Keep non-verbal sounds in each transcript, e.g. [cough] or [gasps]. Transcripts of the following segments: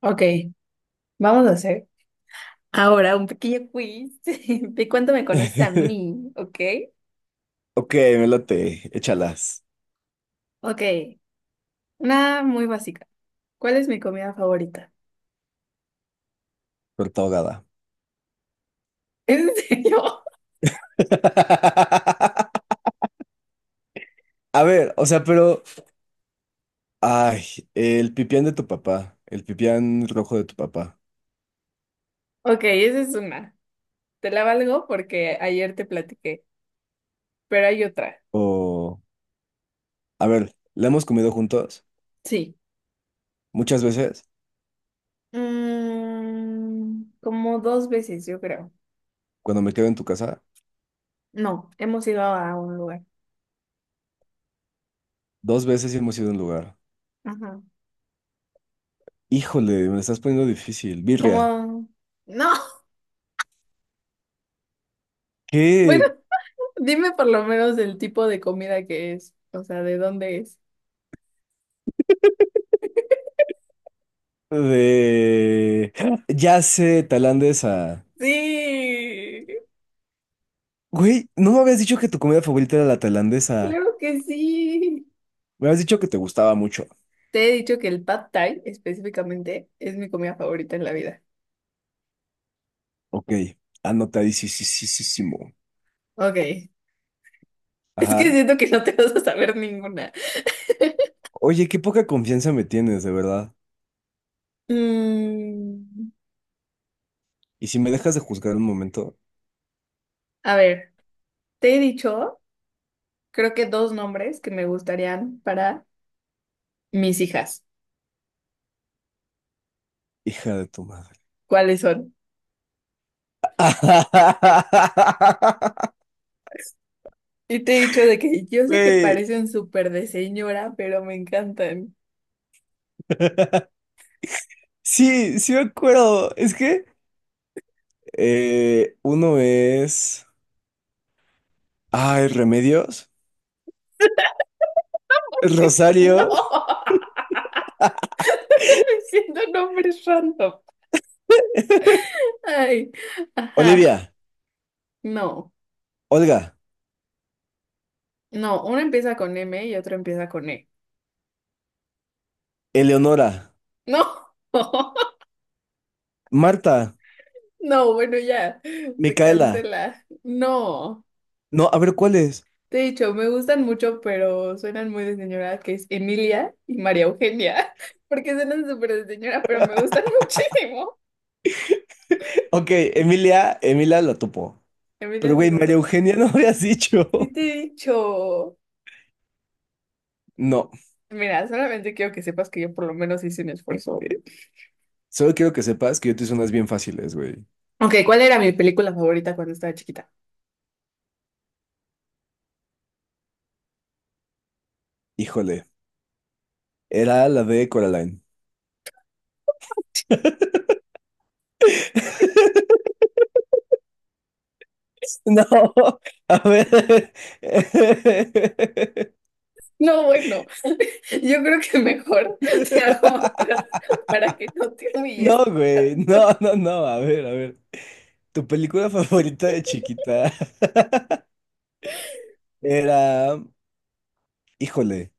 Ok, vamos a hacer ahora un pequeño quiz [laughs] de cuánto me conoces a [laughs] mí, ¿ok? Ok, me late, échalas, Ok, una muy básica. ¿Cuál es mi comida favorita? torta ahogada. [laughs] ¿En serio? [laughs] A ver, o sea, pero, ay, el pipián de tu papá, el pipián rojo de tu papá, Ok, esa es una. Te la valgo porque ayer te platiqué, pero hay otra. o, a ver, la hemos comido juntos Sí. muchas veces, Como dos veces, yo creo. cuando me quedo en tu casa, No, hemos ido a un lugar. dos veces sí hemos ido a un lugar. Ajá. Híjole, me la estás poniendo difícil, birria. Como... No. [laughs] Bueno, ¿Qué dime por lo menos el tipo de comida que es, o sea, de dónde es. de... [gasps] ya sé, tailandesa. Sí, Güey, no me habías dicho que tu comida favorita era la tailandesa. claro que sí. Me habías dicho que te gustaba mucho. Te he dicho que el pad thai específicamente es mi comida favorita en la vida. Ok, anotadísimo. Ok, [laughs] es que Ajá. siento que no te vas a saber ninguna. Oye, qué poca confianza me tienes, de verdad. Mm, Y si me dejas de juzgar un momento, a ver, te he dicho, creo que dos nombres que me gustarían para mis hijas. hija de tu madre. ¿Cuáles son? [laughs] Y te he dicho de que yo sé que Güey. parecen súper de señora, pero me encantan. Sí, sí me acuerdo. Es que uno es. Ay, Remedios. [laughs] No, Rosario. [laughs] siendo nombres random. Ay, ajá, Olivia. no. Olga. No, uno empieza con M y otro empieza con E. Eleonora. No, [laughs] Marta. no, bueno, ya, se Micaela. cancela. No, No, a ver, ¿cuál es? te he dicho, me gustan mucho, pero suenan muy de señora, que es Emilia y María Eugenia, [laughs] porque suenan súper de señora, pero me gustan [laughs] muchísimo. [laughs] Ok, Emilia. Emilia la topo. Pero, Emilia, sí güey, lo María topas. Eugenia no habías dicho. Sí te he dicho. No, Mira, solamente quiero que sepas que yo por lo menos hice un esfuerzo, ¿eh? solo quiero que sepas que yo te hice unas bien fáciles, güey. Ok, ¿cuál era mi película favorita cuando estaba chiquita? Híjole, era la de Coraline. [laughs] No, a ver. [laughs] No, bueno. Yo creo que mejor [laughs] te hago otras para que no te humilles. No, güey, no, no, no, a ver, a ver. Tu película favorita de chiquita [laughs] era... Híjole,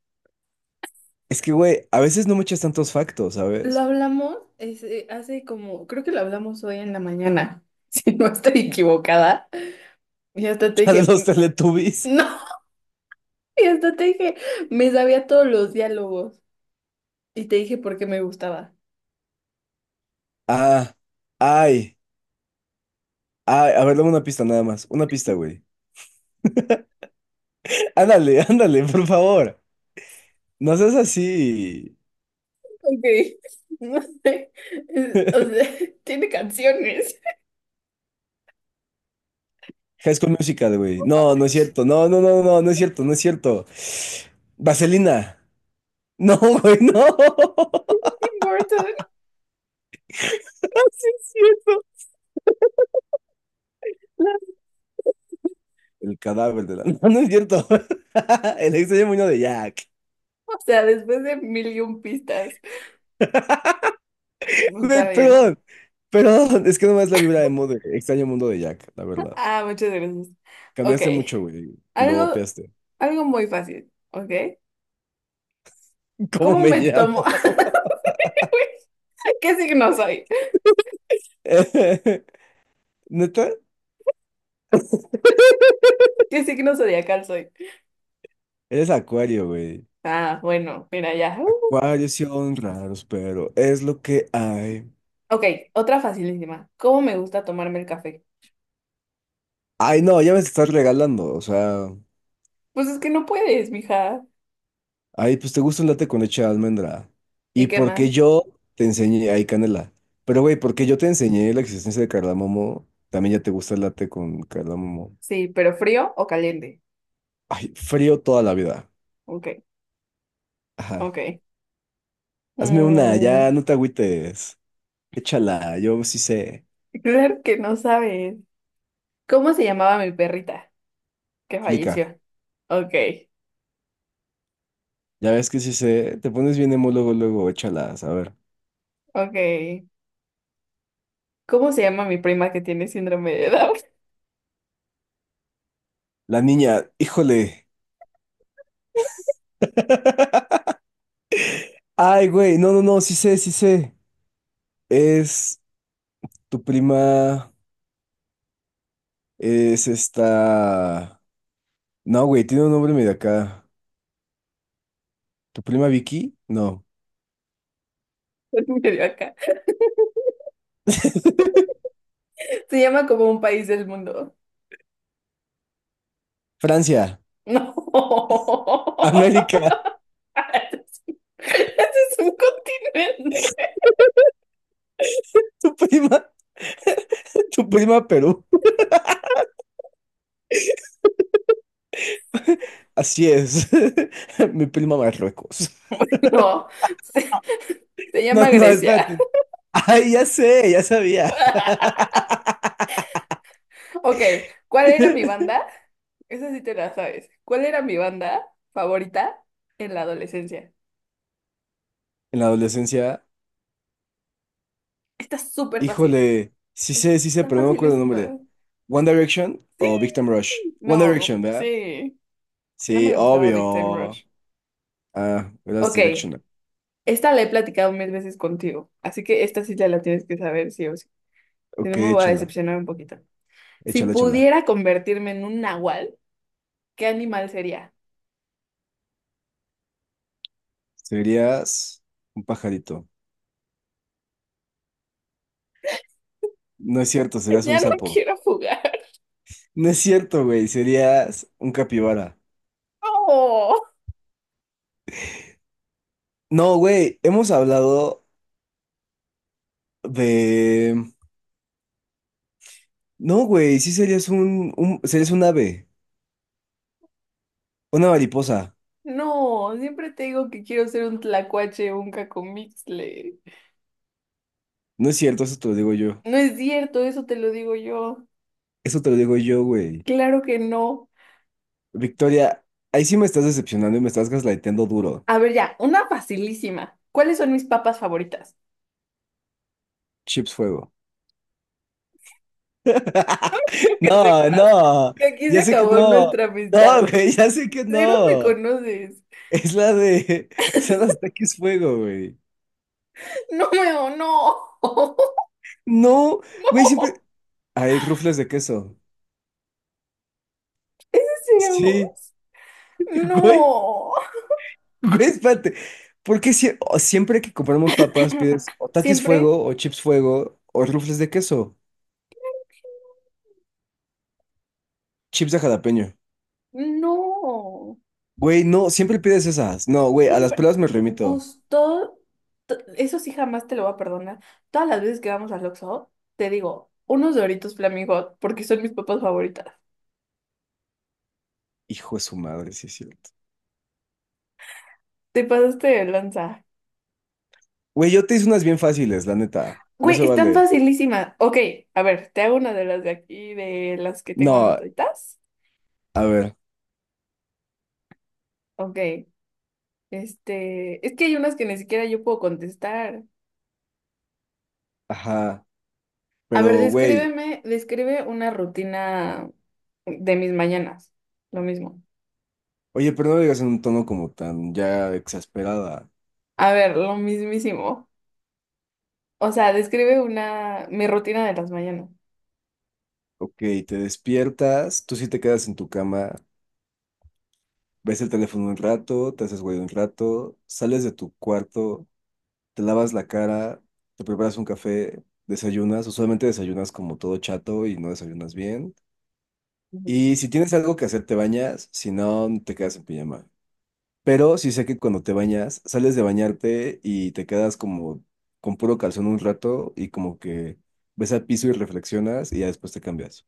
es que, güey, a veces no me echas tantos factos, Lo ¿sabes? hablamos hace como, creo que lo hablamos hoy en la mañana, [laughs] si no estoy equivocada. Y hasta te [laughs] La de dije, los Teletubbies. "Mm, no", [laughs] y hasta te dije, me sabía todos los diálogos y te dije por qué me gustaba. Ah, ay, ay, a ver, dame una pista nada más, una pista, güey. Ándale, [laughs] ándale, por favor. No seas así. Ok, [laughs] no sé, o sea, [laughs] tiene canciones. High School Musical, güey. No, no es cierto. No, no, no, no, no es cierto, no es cierto. Vaselina. [laughs] No, güey, no. [laughs] Tim Burton, Sí, el cadáver de la... [laughs] No, no es cierto. [laughs] El extraño mundo de Jack. o sea, después de mil y un pistas. Güey, Está bien. perdón. Perdón. Es que nomás la vibra emo de extraño mundo de Jack, la verdad. Ah, muchas gracias. Ok. Cambiaste mucho, güey. Algo, Globeaste. algo muy fácil, ¿ok? ¿Cómo ¿Cómo me me tomo? llamo? [laughs] ¿Qué signo soy? [laughs] ¿Neta? ¿Qué signo zodiacal soy? Eres Acuario, güey. Ah, bueno, mira ya. Acuarios sí son raros, pero es lo que hay. Ok, otra facilísima. ¿Cómo me gusta tomarme el café? Ay, no, ya me estás regalando. O sea, Pues es que no puedes, mija. ay, pues te gusta un latte con leche de almendra. ¿Y Y qué más? porque yo te enseñé, ay, canela. Pero güey, porque yo te enseñé la existencia de cardamomo, también ya te gusta el latte con cardamomo. Sí, pero ¿frío o caliente? Ay, frío toda la vida. Ok, Ajá. ok. Hazme una, ya, Mm, no te agüites. Échala, yo sí sé. claro que no sabes. ¿Cómo se llamaba mi perrita que Explica. falleció? Ok, Ya ves que sí sé. Te pones bien emo luego, luego, échalas. A ver. ok. ¿Cómo se llama mi prima que tiene síndrome de Down? La niña, híjole. Ay, güey, no, no, no, sí sé, sí sé. Es tu prima, es esta... no, güey, tiene un nombre medio acá. ¿Tu prima Vicky? No. [laughs] Medio acá. Se llama como un país del mundo. Francia, No. [laughs] [laughs] América. Ese es un continente. [laughs] Tu prima, [laughs] tu prima Perú. Así es. [laughs] Mi prima Marruecos. [laughs] No. Se, se No, llama no, no, Grecia. espérate. Ay, ya sé, ya sabía. [laughs] Ok, ¿cuál [laughs] era mi banda? Esa sí te la sabes. ¿Cuál era mi banda favorita en la adolescencia? En la adolescencia, Está súper fácil. híjole, sí sé, Está pero no me acuerdo el nombre. facilísima. One Direction Sí. o Victim Rush. One No, Direction, ¿verdad? sí. No Sí, me gustaba Big Time obvio. Rush. Ah, eras Ok, Directional. esta la he platicado mil veces contigo, así que esta sí te la tienes que saber sí o sí. Si no, Ok, me voy a échala, decepcionar un poquito. Si échala, échala. pudiera convertirme en un nahual, ¿qué animal sería? Serías un pajarito. No es cierto, [laughs] serías Ya un no sapo. quiero jugar. No es cierto, güey, serías un capibara. No, No, güey, hemos hablado de... no, güey, sí serías un ave, una mariposa. no, siempre te digo que quiero ser un tlacuache o un cacomixle. No es cierto, eso te lo digo yo. No es cierto, eso te lo digo yo. Eso te lo digo yo, güey. Claro que no. Victoria, ahí sí me estás decepcionando y me estás gaslightando duro. A ver, ya, una facilísima. ¿Cuáles son mis papas favoritas? Chips fuego. [laughs] Quiero [laughs] que No, sepas no, que aquí se ya sé que acabó no. nuestra No, amistad. güey, ya sé que Cero me no. conoces. Es la de. Son los taquis fuego, güey. No, weón, no. [laughs] No, güey, No. siempre. Hay rufles de queso. Sí, Zeus. güey, No. güey, espérate. ¿O siempre que compramos papas [laughs] pides o taquis Siempre. fuego, o chips fuego, o rufles de queso? Chips de jalapeño. No. Güey, no, siempre pides esas. No, güey, a las Siempre. pruebas me remito. Gusto. Eso sí jamás te lo voy a perdonar. Todas las veces que vamos al Oxxo, te digo, unos Doritos Flaming Hot, porque son mis papas favoritas. Hijo de su madre, sí es cierto. Te pasaste de lanza. Güey, yo te hice unas bien fáciles, la neta. No Güey, se están vale. facilísimas. Ok, a ver, te hago una de las de aquí, de las que tengo No, anotaditas. a ver, Ok. Es que hay unas que ni siquiera yo puedo contestar. ajá, A ver, pero güey, describe una rutina de mis mañanas. Lo mismo. oye, pero no lo digas en un tono como tan ya exasperada. A ver, lo mismísimo. O sea, mi rutina de las mañanas. Ok, te despiertas, tú sí te quedas en tu cama, ves el teléfono un rato, te haces güey un rato, sales de tu cuarto, te lavas la cara, te preparas un café, desayunas, usualmente desayunas como todo chato y no desayunas bien. Ujú. Y si tienes algo que hacer, te bañas, si no, te quedas en pijama. Pero sí sé que cuando te bañas, sales de bañarte y te quedas como con puro calzón un rato y como que ves al piso y reflexionas y ya después te cambias.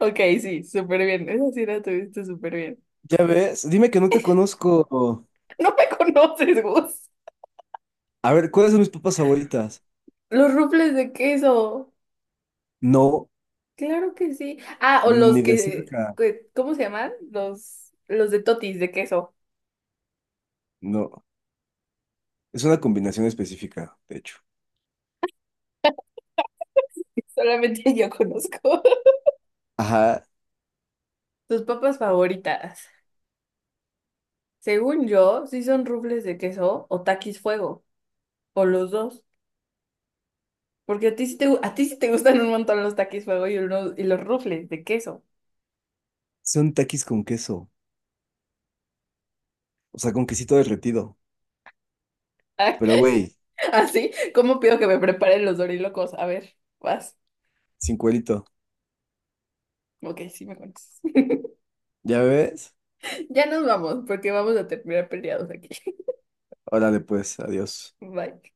Ok, sí, súper bien. Esa sí la tuviste súper bien. Ya ves, dime que no te conozco. No me [laughs] conoces, Gus. A ver, ¿cuáles son mis papas favoritas? Los rufles de queso. No, Claro que sí. Ah, o los ni de que, cerca. que- ¿cómo se llaman? Los de totis de queso. No, es una combinación específica, de hecho. Solamente yo conozco. [laughs] Ajá, Tus papas favoritas. Según yo, sí son rufles de queso o taquis fuego, o los dos. Porque a ti sí te a ti sí te gustan un montón los taquis fuego y y los rufles de queso. son taquis con queso, o sea, con quesito derretido. [laughs] Ah, Pero güey, así, ¿cómo pido que me preparen los dorilocos? A ver, vas. sin cuerito. Ok, sí me conoces. [laughs] ¿Ya ves? Ya nos vamos, porque vamos a terminar peleados aquí. Órale pues, adiós. [laughs] Bye.